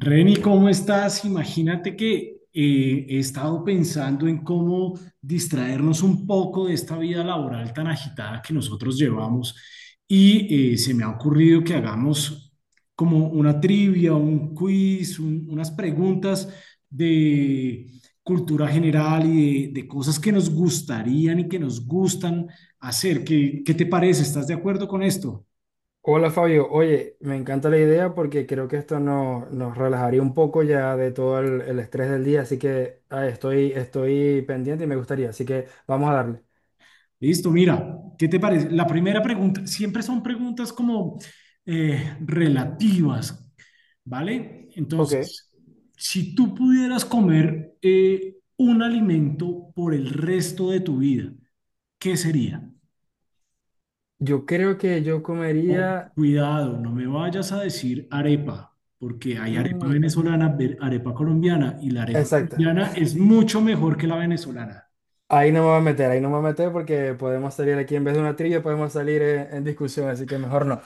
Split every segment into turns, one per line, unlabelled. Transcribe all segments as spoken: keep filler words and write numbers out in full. Reni, ¿cómo estás? Imagínate que eh, he estado pensando en cómo distraernos un poco de esta vida laboral tan agitada que nosotros llevamos y eh, se me ha ocurrido que hagamos como una trivia, un quiz, un- unas preguntas de cultura general y de, de cosas que nos gustarían y que nos gustan hacer. ¿Qué, qué te parece? ¿Estás de acuerdo con esto?
Hola Fabio, oye, me encanta la idea porque creo que esto no- nos relajaría un poco ya de todo el, el estrés del día, así que ah, estoy, estoy pendiente y me gustaría, así que vamos a darle.
Listo, mira, ¿qué te parece? La primera pregunta, siempre son preguntas como eh, relativas, ¿vale?
Ok.
Entonces, si tú pudieras comer eh, un alimento por el resto de tu vida, ¿qué sería?
Yo creo que yo
Oh,
comería...
cuidado, no me vayas a decir arepa, porque hay arepa
mm,
venezolana, ve- arepa colombiana, y la arepa
exacta,
colombiana es mucho mejor que la venezolana.
ahí no me voy a meter, ahí no me voy a meter porque podemos salir aquí en vez de una trivia, podemos salir en, en discusión, así que mejor no.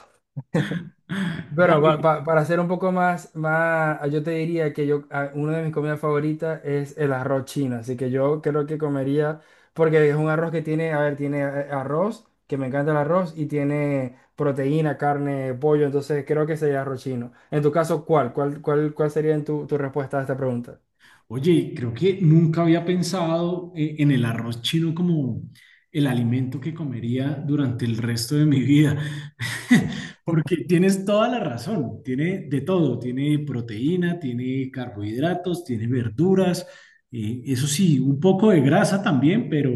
Bueno,
Dale.
pa- pa- para hacer un poco más, más, yo te diría que yo, a- una de mis comidas favoritas es el arroz chino, así que yo creo que comería, porque es un arroz que tiene, a ver, tiene eh, arroz, que me encanta el arroz, y tiene proteína, carne, pollo, entonces creo que sería arroz chino. En tu caso, ¿cuál? ¿Cuál, cuál, cuál sería en tu, tu respuesta a esta pregunta?
Oye, creo que nunca había pensado eh, en el arroz chino como el alimento que comería durante el resto de mi vida, porque tienes toda la razón, tiene de todo, tiene proteína, tiene carbohidratos, tiene verduras, eh, eso sí, un poco de grasa también, pero,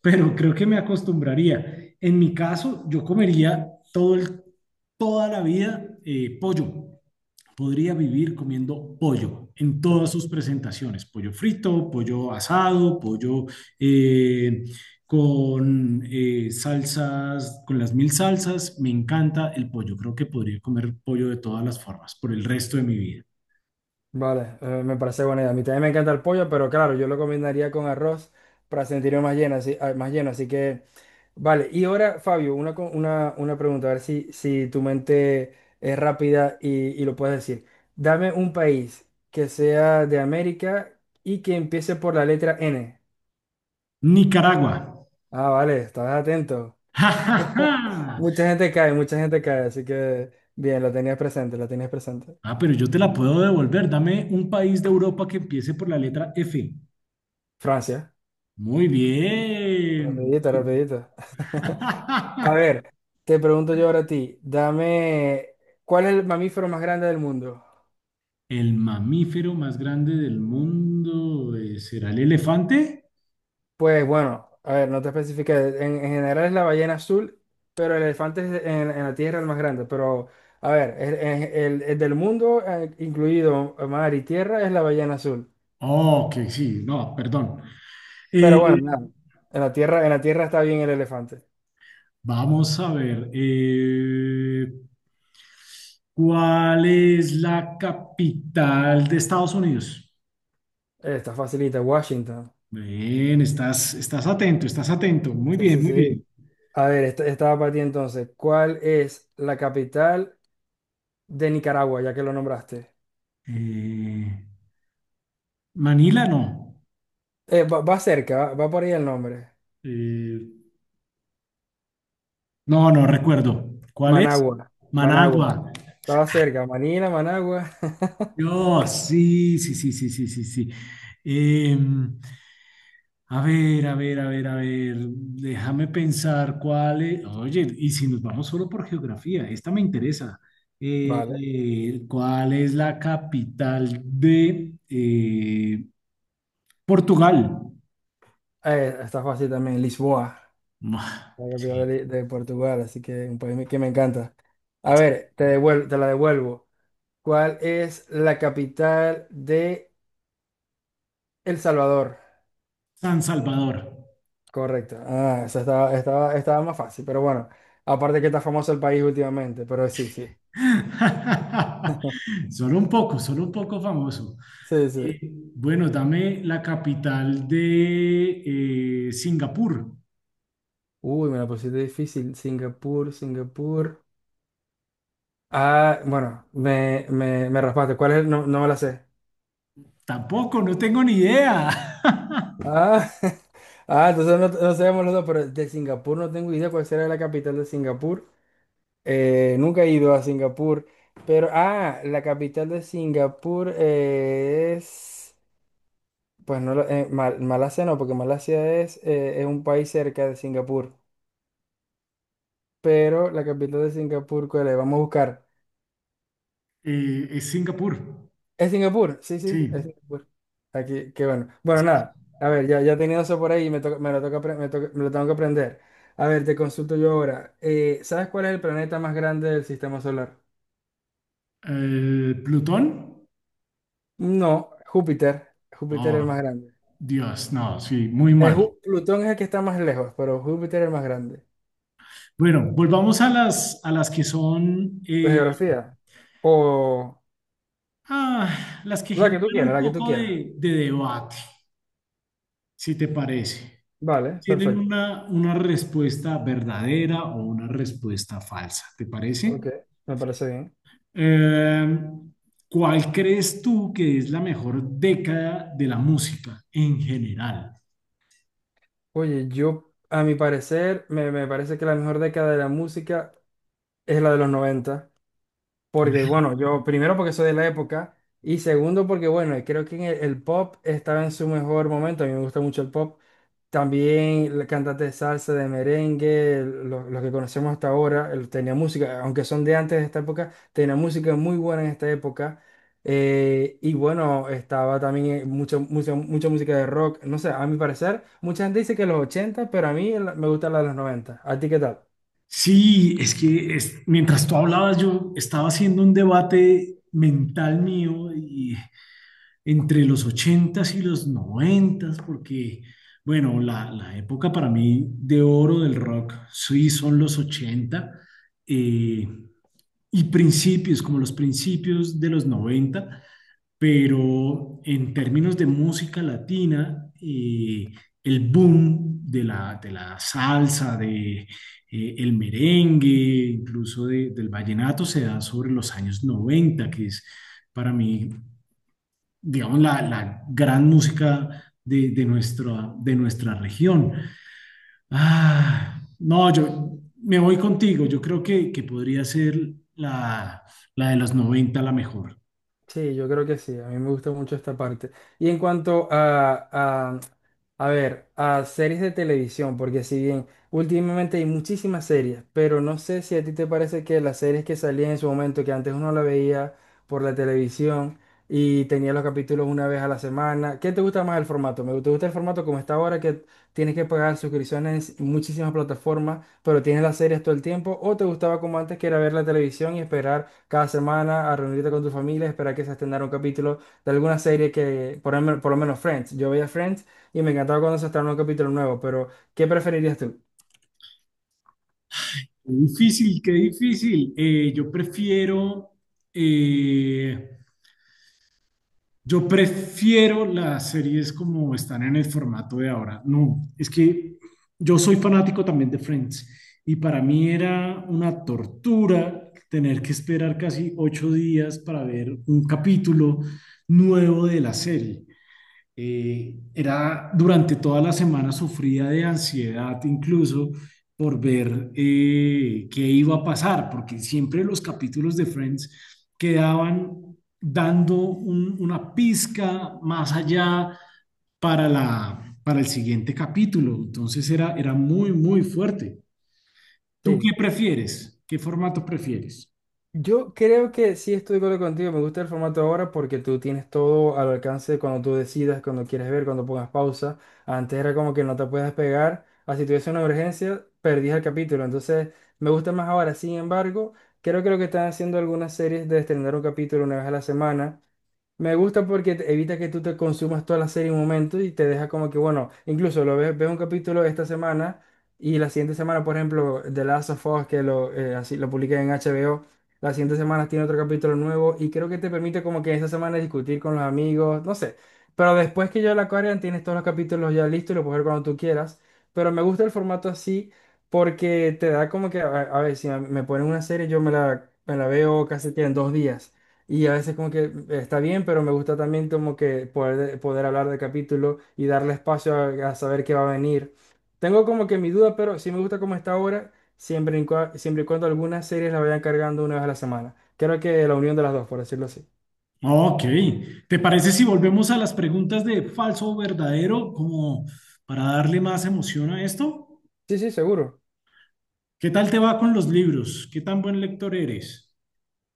pero creo que me acostumbraría. En mi caso, yo comería todo el, toda la vida, eh, pollo, podría vivir comiendo pollo en todas sus presentaciones, pollo frito, pollo asado, pollo eh, con eh, salsas, con las mil salsas, me encanta el pollo, creo que podría comer pollo de todas las formas por el resto de mi vida.
Vale, eh, me parece buena idea. A mí también me encanta el pollo, pero claro, yo lo combinaría con arroz para sentirme más lleno, así, ah, más lleno, así que... Vale, y ahora, Fabio, una, co- una, una pregunta, a ver si, si tu mente es rápida y, y lo puedes decir. Dame un país que sea de América y que empiece por la letra N.
Nicaragua.
Ah, vale, estás atento.
¡Ja, ja, ja!
Mucha gente cae, mucha gente cae, así que bien, lo tenías presente, lo tenías presente.
Ah, pero yo te la puedo devolver. Dame un país de Europa que empiece por la letra F.
Francia,
Muy bien.
rapidito, rapidito. A ver, te pregunto yo ahora a ti, dame, ¿cuál es el mamífero más grande del mundo?
El mamífero más grande del mundo eh, será el elefante.
Pues bueno, a ver, no te especifiqué, en, en general es la ballena azul, pero el elefante es en, en la Tierra el más grande, pero a ver, el, el- el- el del mundo, eh, incluido mar y tierra, es la ballena azul.
Oh, que sí, no, perdón.
Pero bueno,
Eh,
nada, en la Tierra, en la Tierra está bien el elefante.
Vamos a ver. Eh, ¿cuál es la capital de Estados Unidos?
Eh, Está facilita, Washington.
Bien, estás, estás atento, estás atento. Muy
Sí,
bien,
sí,
muy bien.
sí. A ver, esta, estaba para ti entonces, ¿cuál es la capital de Nicaragua, ya que lo nombraste?
Eh, Manila no.
Eh, va, va cerca, va, va por ahí el nombre.
Eh, no, no recuerdo. ¿Cuál es?
Managua, Managua.
Managua.
Estaba cerca, Manila, Managua.
No, sí, sí, sí, sí, sí, sí, sí. Em, a ver, a ver, a ver, a ver, déjame pensar cuál es. Oye, y si nos vamos solo por geografía, esta me interesa. Eh,
Vale.
eh, ¿cuál es la capital de eh, Portugal?
Eh, está fácil también, Lisboa,
Mua,
la
sí.
capital de, de Portugal, así que un país que me encanta. A ver, te devuel- te la devuelvo. ¿Cuál es la capital de El Salvador?
San Salvador.
Correcto. Ah, esa estaba, estaba, estaba más fácil, pero bueno. Aparte que está famoso el país últimamente, pero sí, sí.
Solo un poco, solo un poco famoso.
Sí,
Eh,
sí.
Bueno, dame la capital de eh, Singapur.
Uy, me la pusiste difícil. Singapur, Singapur. Ah, bueno, me, me, me raspaste. ¿Cuál es? No, no me la sé.
Tampoco, no tengo ni idea.
Ah, ah, entonces no, no sabemos los dos, pero de Singapur no tengo idea cuál será la capital de Singapur. Eh, nunca he ido a Singapur, pero, ah, la capital de Singapur es, pues no, lo- eh, Mal- Malasia no, porque Malasia es, eh, es un país cerca de Singapur, pero la capital de Singapur, ¿cuál es? Vamos a buscar.
Eh, es Singapur,
Es Singapur, sí, sí, es
sí.
Singapur. Aquí, qué bueno. Bueno, nada, a ver, ya, ya tenía eso por ahí y me, toca- me, lo toca, apre- me, toca- me lo tengo que aprender. A ver, te consulto yo ahora. Eh, ¿sabes cuál es el planeta más grande del sistema solar?
El Plutón.
No, Júpiter. Júpiter es
Oh,
el más grande.
Dios, no, sí, muy
Eh,
mal.
Ju- Plutón es el que está más lejos, pero Júpiter es el más grande.
Bueno, volvamos a las, a las que son,
¿De
eh,
geografía? O
ah, las que
la que
generan
tú quieras,
un
la que tú
poco
quieras.
de, de debate, si te parece.
Vale,
Tienen
perfecto.
una, una respuesta verdadera o una respuesta falsa, ¿te parece?
Ok, me parece bien.
Eh, ¿Cuál crees tú que es la mejor década de la música en general?
Oye, yo, a mi parecer, me, me parece que la mejor década de la música es la de los noventa porque bueno, yo primero porque soy de la época y segundo porque bueno, creo que en el, el pop estaba en su mejor momento, a mí me gusta mucho el pop, también el cantante de salsa, de merengue, el- lo- los que conocemos hasta ahora, el- tenía música, aunque son de antes de esta época, tenía música muy buena en esta época. Eh, y bueno, estaba también eh, mucha, mucha, mucha música de rock. No sé, a mi parecer, mucha gente dice que los ochenta pero a mí la- me gusta la de los noventa. ¿A ti qué tal?
Sí, es que es- mientras tú hablabas, yo estaba haciendo un debate mental mío y entre los ochentas y los noventas porque, bueno, la, la época para mí de oro del rock, sí, son los ochenta eh, y principios, como los principios de los noventa, pero en términos de música latina, eh, el boom de la, de la salsa, de, eh, el merengue, incluso de- del vallenato, se da sobre los años noventa, que es, para mí, digamos, la, la gran música de, de nuestra, de nuestra región. Ah, no, yo me voy contigo, yo creo que, que podría ser la, la de los noventa la mejor.
Sí, yo creo que sí, a mí me gusta mucho esta parte. Y en cuanto a, a- a ver, a series de televisión, porque si bien últimamente hay muchísimas series, pero no sé si a ti te parece que las series que salían en su momento, que antes uno la veía por la televisión y tenía los capítulos una vez a la semana, ¿qué te gusta más el formato? Me te gusta el formato como está ahora, que tienes que pagar suscripciones en muchísimas plataformas, pero tienes las series todo el tiempo, o te gustaba como antes, que era ver la televisión y esperar cada semana a reunirte con tu familia, esperar que se estrenara un capítulo de alguna serie que, por, lo men- por lo menos Friends, yo veía Friends y me encantaba cuando se estrenaba un capítulo nuevo, pero ¿qué preferirías tú?
Qué difícil, qué difícil. Eh, yo prefiero, eh, yo prefiero las series como están en el formato de ahora. No, es que yo soy fanático también de Friends y para mí era una tortura tener que esperar casi ocho días para ver un capítulo nuevo de la serie. Eh, era, durante toda la semana, sufría de ansiedad incluso por ver eh, qué iba a pasar, porque siempre los capítulos de Friends quedaban dando un- una pizca más allá para la, para el siguiente capítulo. Entonces era, era muy, muy fuerte. ¿Tú qué
Sí.
prefieres? ¿Qué formato prefieres?
Yo creo que sí estoy de acuerdo contigo, me gusta el formato ahora porque tú tienes todo al alcance cuando tú decidas, cuando quieres ver, cuando pongas pausa. Antes era como que no te puedes pegar, así si tuviese una emergencia, perdías el capítulo. Entonces me gusta más ahora, sin embargo, creo que lo que están haciendo algunas series de estrenar un capítulo una vez a la semana. Me gusta porque te- evita que tú te consumas toda la serie en un momento y te deja como que, bueno, incluso lo ves, ves un capítulo esta semana y la siguiente semana, por ejemplo, The Last of Us, que lo, eh, así, lo publiqué en H B O, la siguiente semana tiene otro capítulo nuevo y creo que te permite como que esa semana discutir con los amigos, no sé. Pero después que yo la Aquarian tienes todos los capítulos ya listos y lo puedes ver cuando tú quieras. Pero me gusta el formato así porque te da como que, a, a ver, si me, me ponen una serie yo me la, me la veo casi que en dos días. Y a veces como que eh, está bien, pero me gusta también como que poder, poder hablar del capítulo y darle espacio a, a saber qué va a venir. Tengo como que mi duda, pero sí me gusta cómo está ahora siempre y, cua- siempre y cuando algunas series la vayan cargando una vez a la semana. Creo que la unión de las dos, por decirlo así.
Ok, ¿te parece si volvemos a las preguntas de falso o verdadero como para darle más emoción a esto?
Sí, sí, seguro.
¿Qué tal te va con los libros? ¿Qué tan buen lector eres?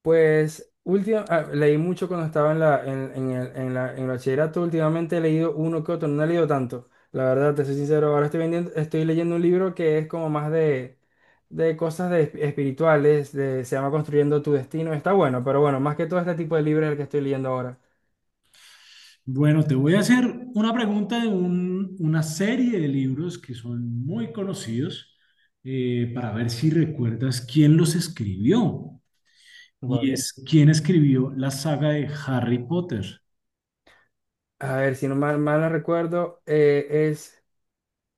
Pues última, ah, leí mucho cuando estaba en la, en, en el, en la, en el bachillerato. Últimamente he leído uno que otro, no he leído tanto. La verdad, te soy sincero, ahora estoy vendiendo, estoy leyendo un libro que es como más de, de cosas de, esp- espirituales, de, se llama Construyendo tu Destino. Está bueno, pero bueno, más que todo este tipo de libros es el que estoy leyendo ahora.
Bueno, te voy a hacer una pregunta de un- una serie de libros que son muy conocidos eh, para ver si recuerdas quién los escribió. Y
Vale.
es, ¿quién escribió la saga de Harry Potter?
A ver, si no mal, mal no recuerdo, eh, es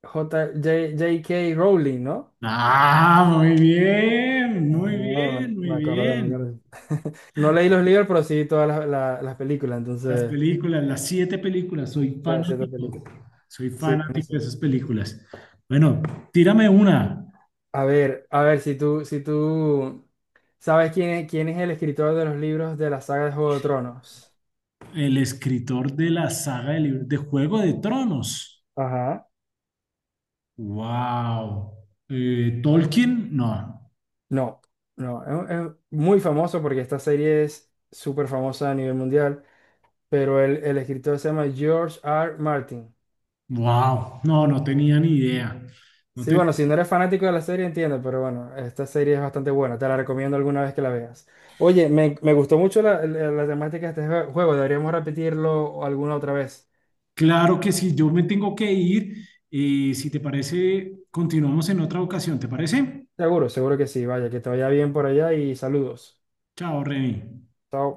J- J- J K Rowling, ¿no?
Ah, muy bien, muy
Ah,
bien, muy
me acordé, me
bien.
acordé. No leí los libros, pero sí todas las, la- las películas,
Las
entonces...
películas, las siete películas, soy
Las cierta
fanático,
películas.
soy
Sí,
fanático de
buenísimo.
esas películas. Bueno, tírame una,
A ver, a ver, si tú, si tú sabes quién es, quién es el escritor de los libros de la saga de Juego de Tronos.
el escritor de la saga de libros de Juego de Tronos.
Ajá.
Wow. Eh, Tolkien, no.
No, no, es, un- es muy famoso porque esta serie es súper famosa a nivel mundial, pero el, el escritor se llama George R Martin.
Wow, no, no tenía ni idea. No
Sí,
te-
bueno, si no eres fanático de la serie, entiendo, pero bueno, esta serie es bastante buena, te la recomiendo alguna vez que la veas. Oye, me, me gustó mucho la, la- la temática de este jue- juego, deberíamos repetirlo alguna otra vez.
Claro que sí, yo me tengo que ir. Eh, si te parece, continuamos en otra ocasión, ¿te parece?
Seguro, seguro que sí, vaya, que te vaya bien por allá y saludos.
Chao, Reni.
Chao.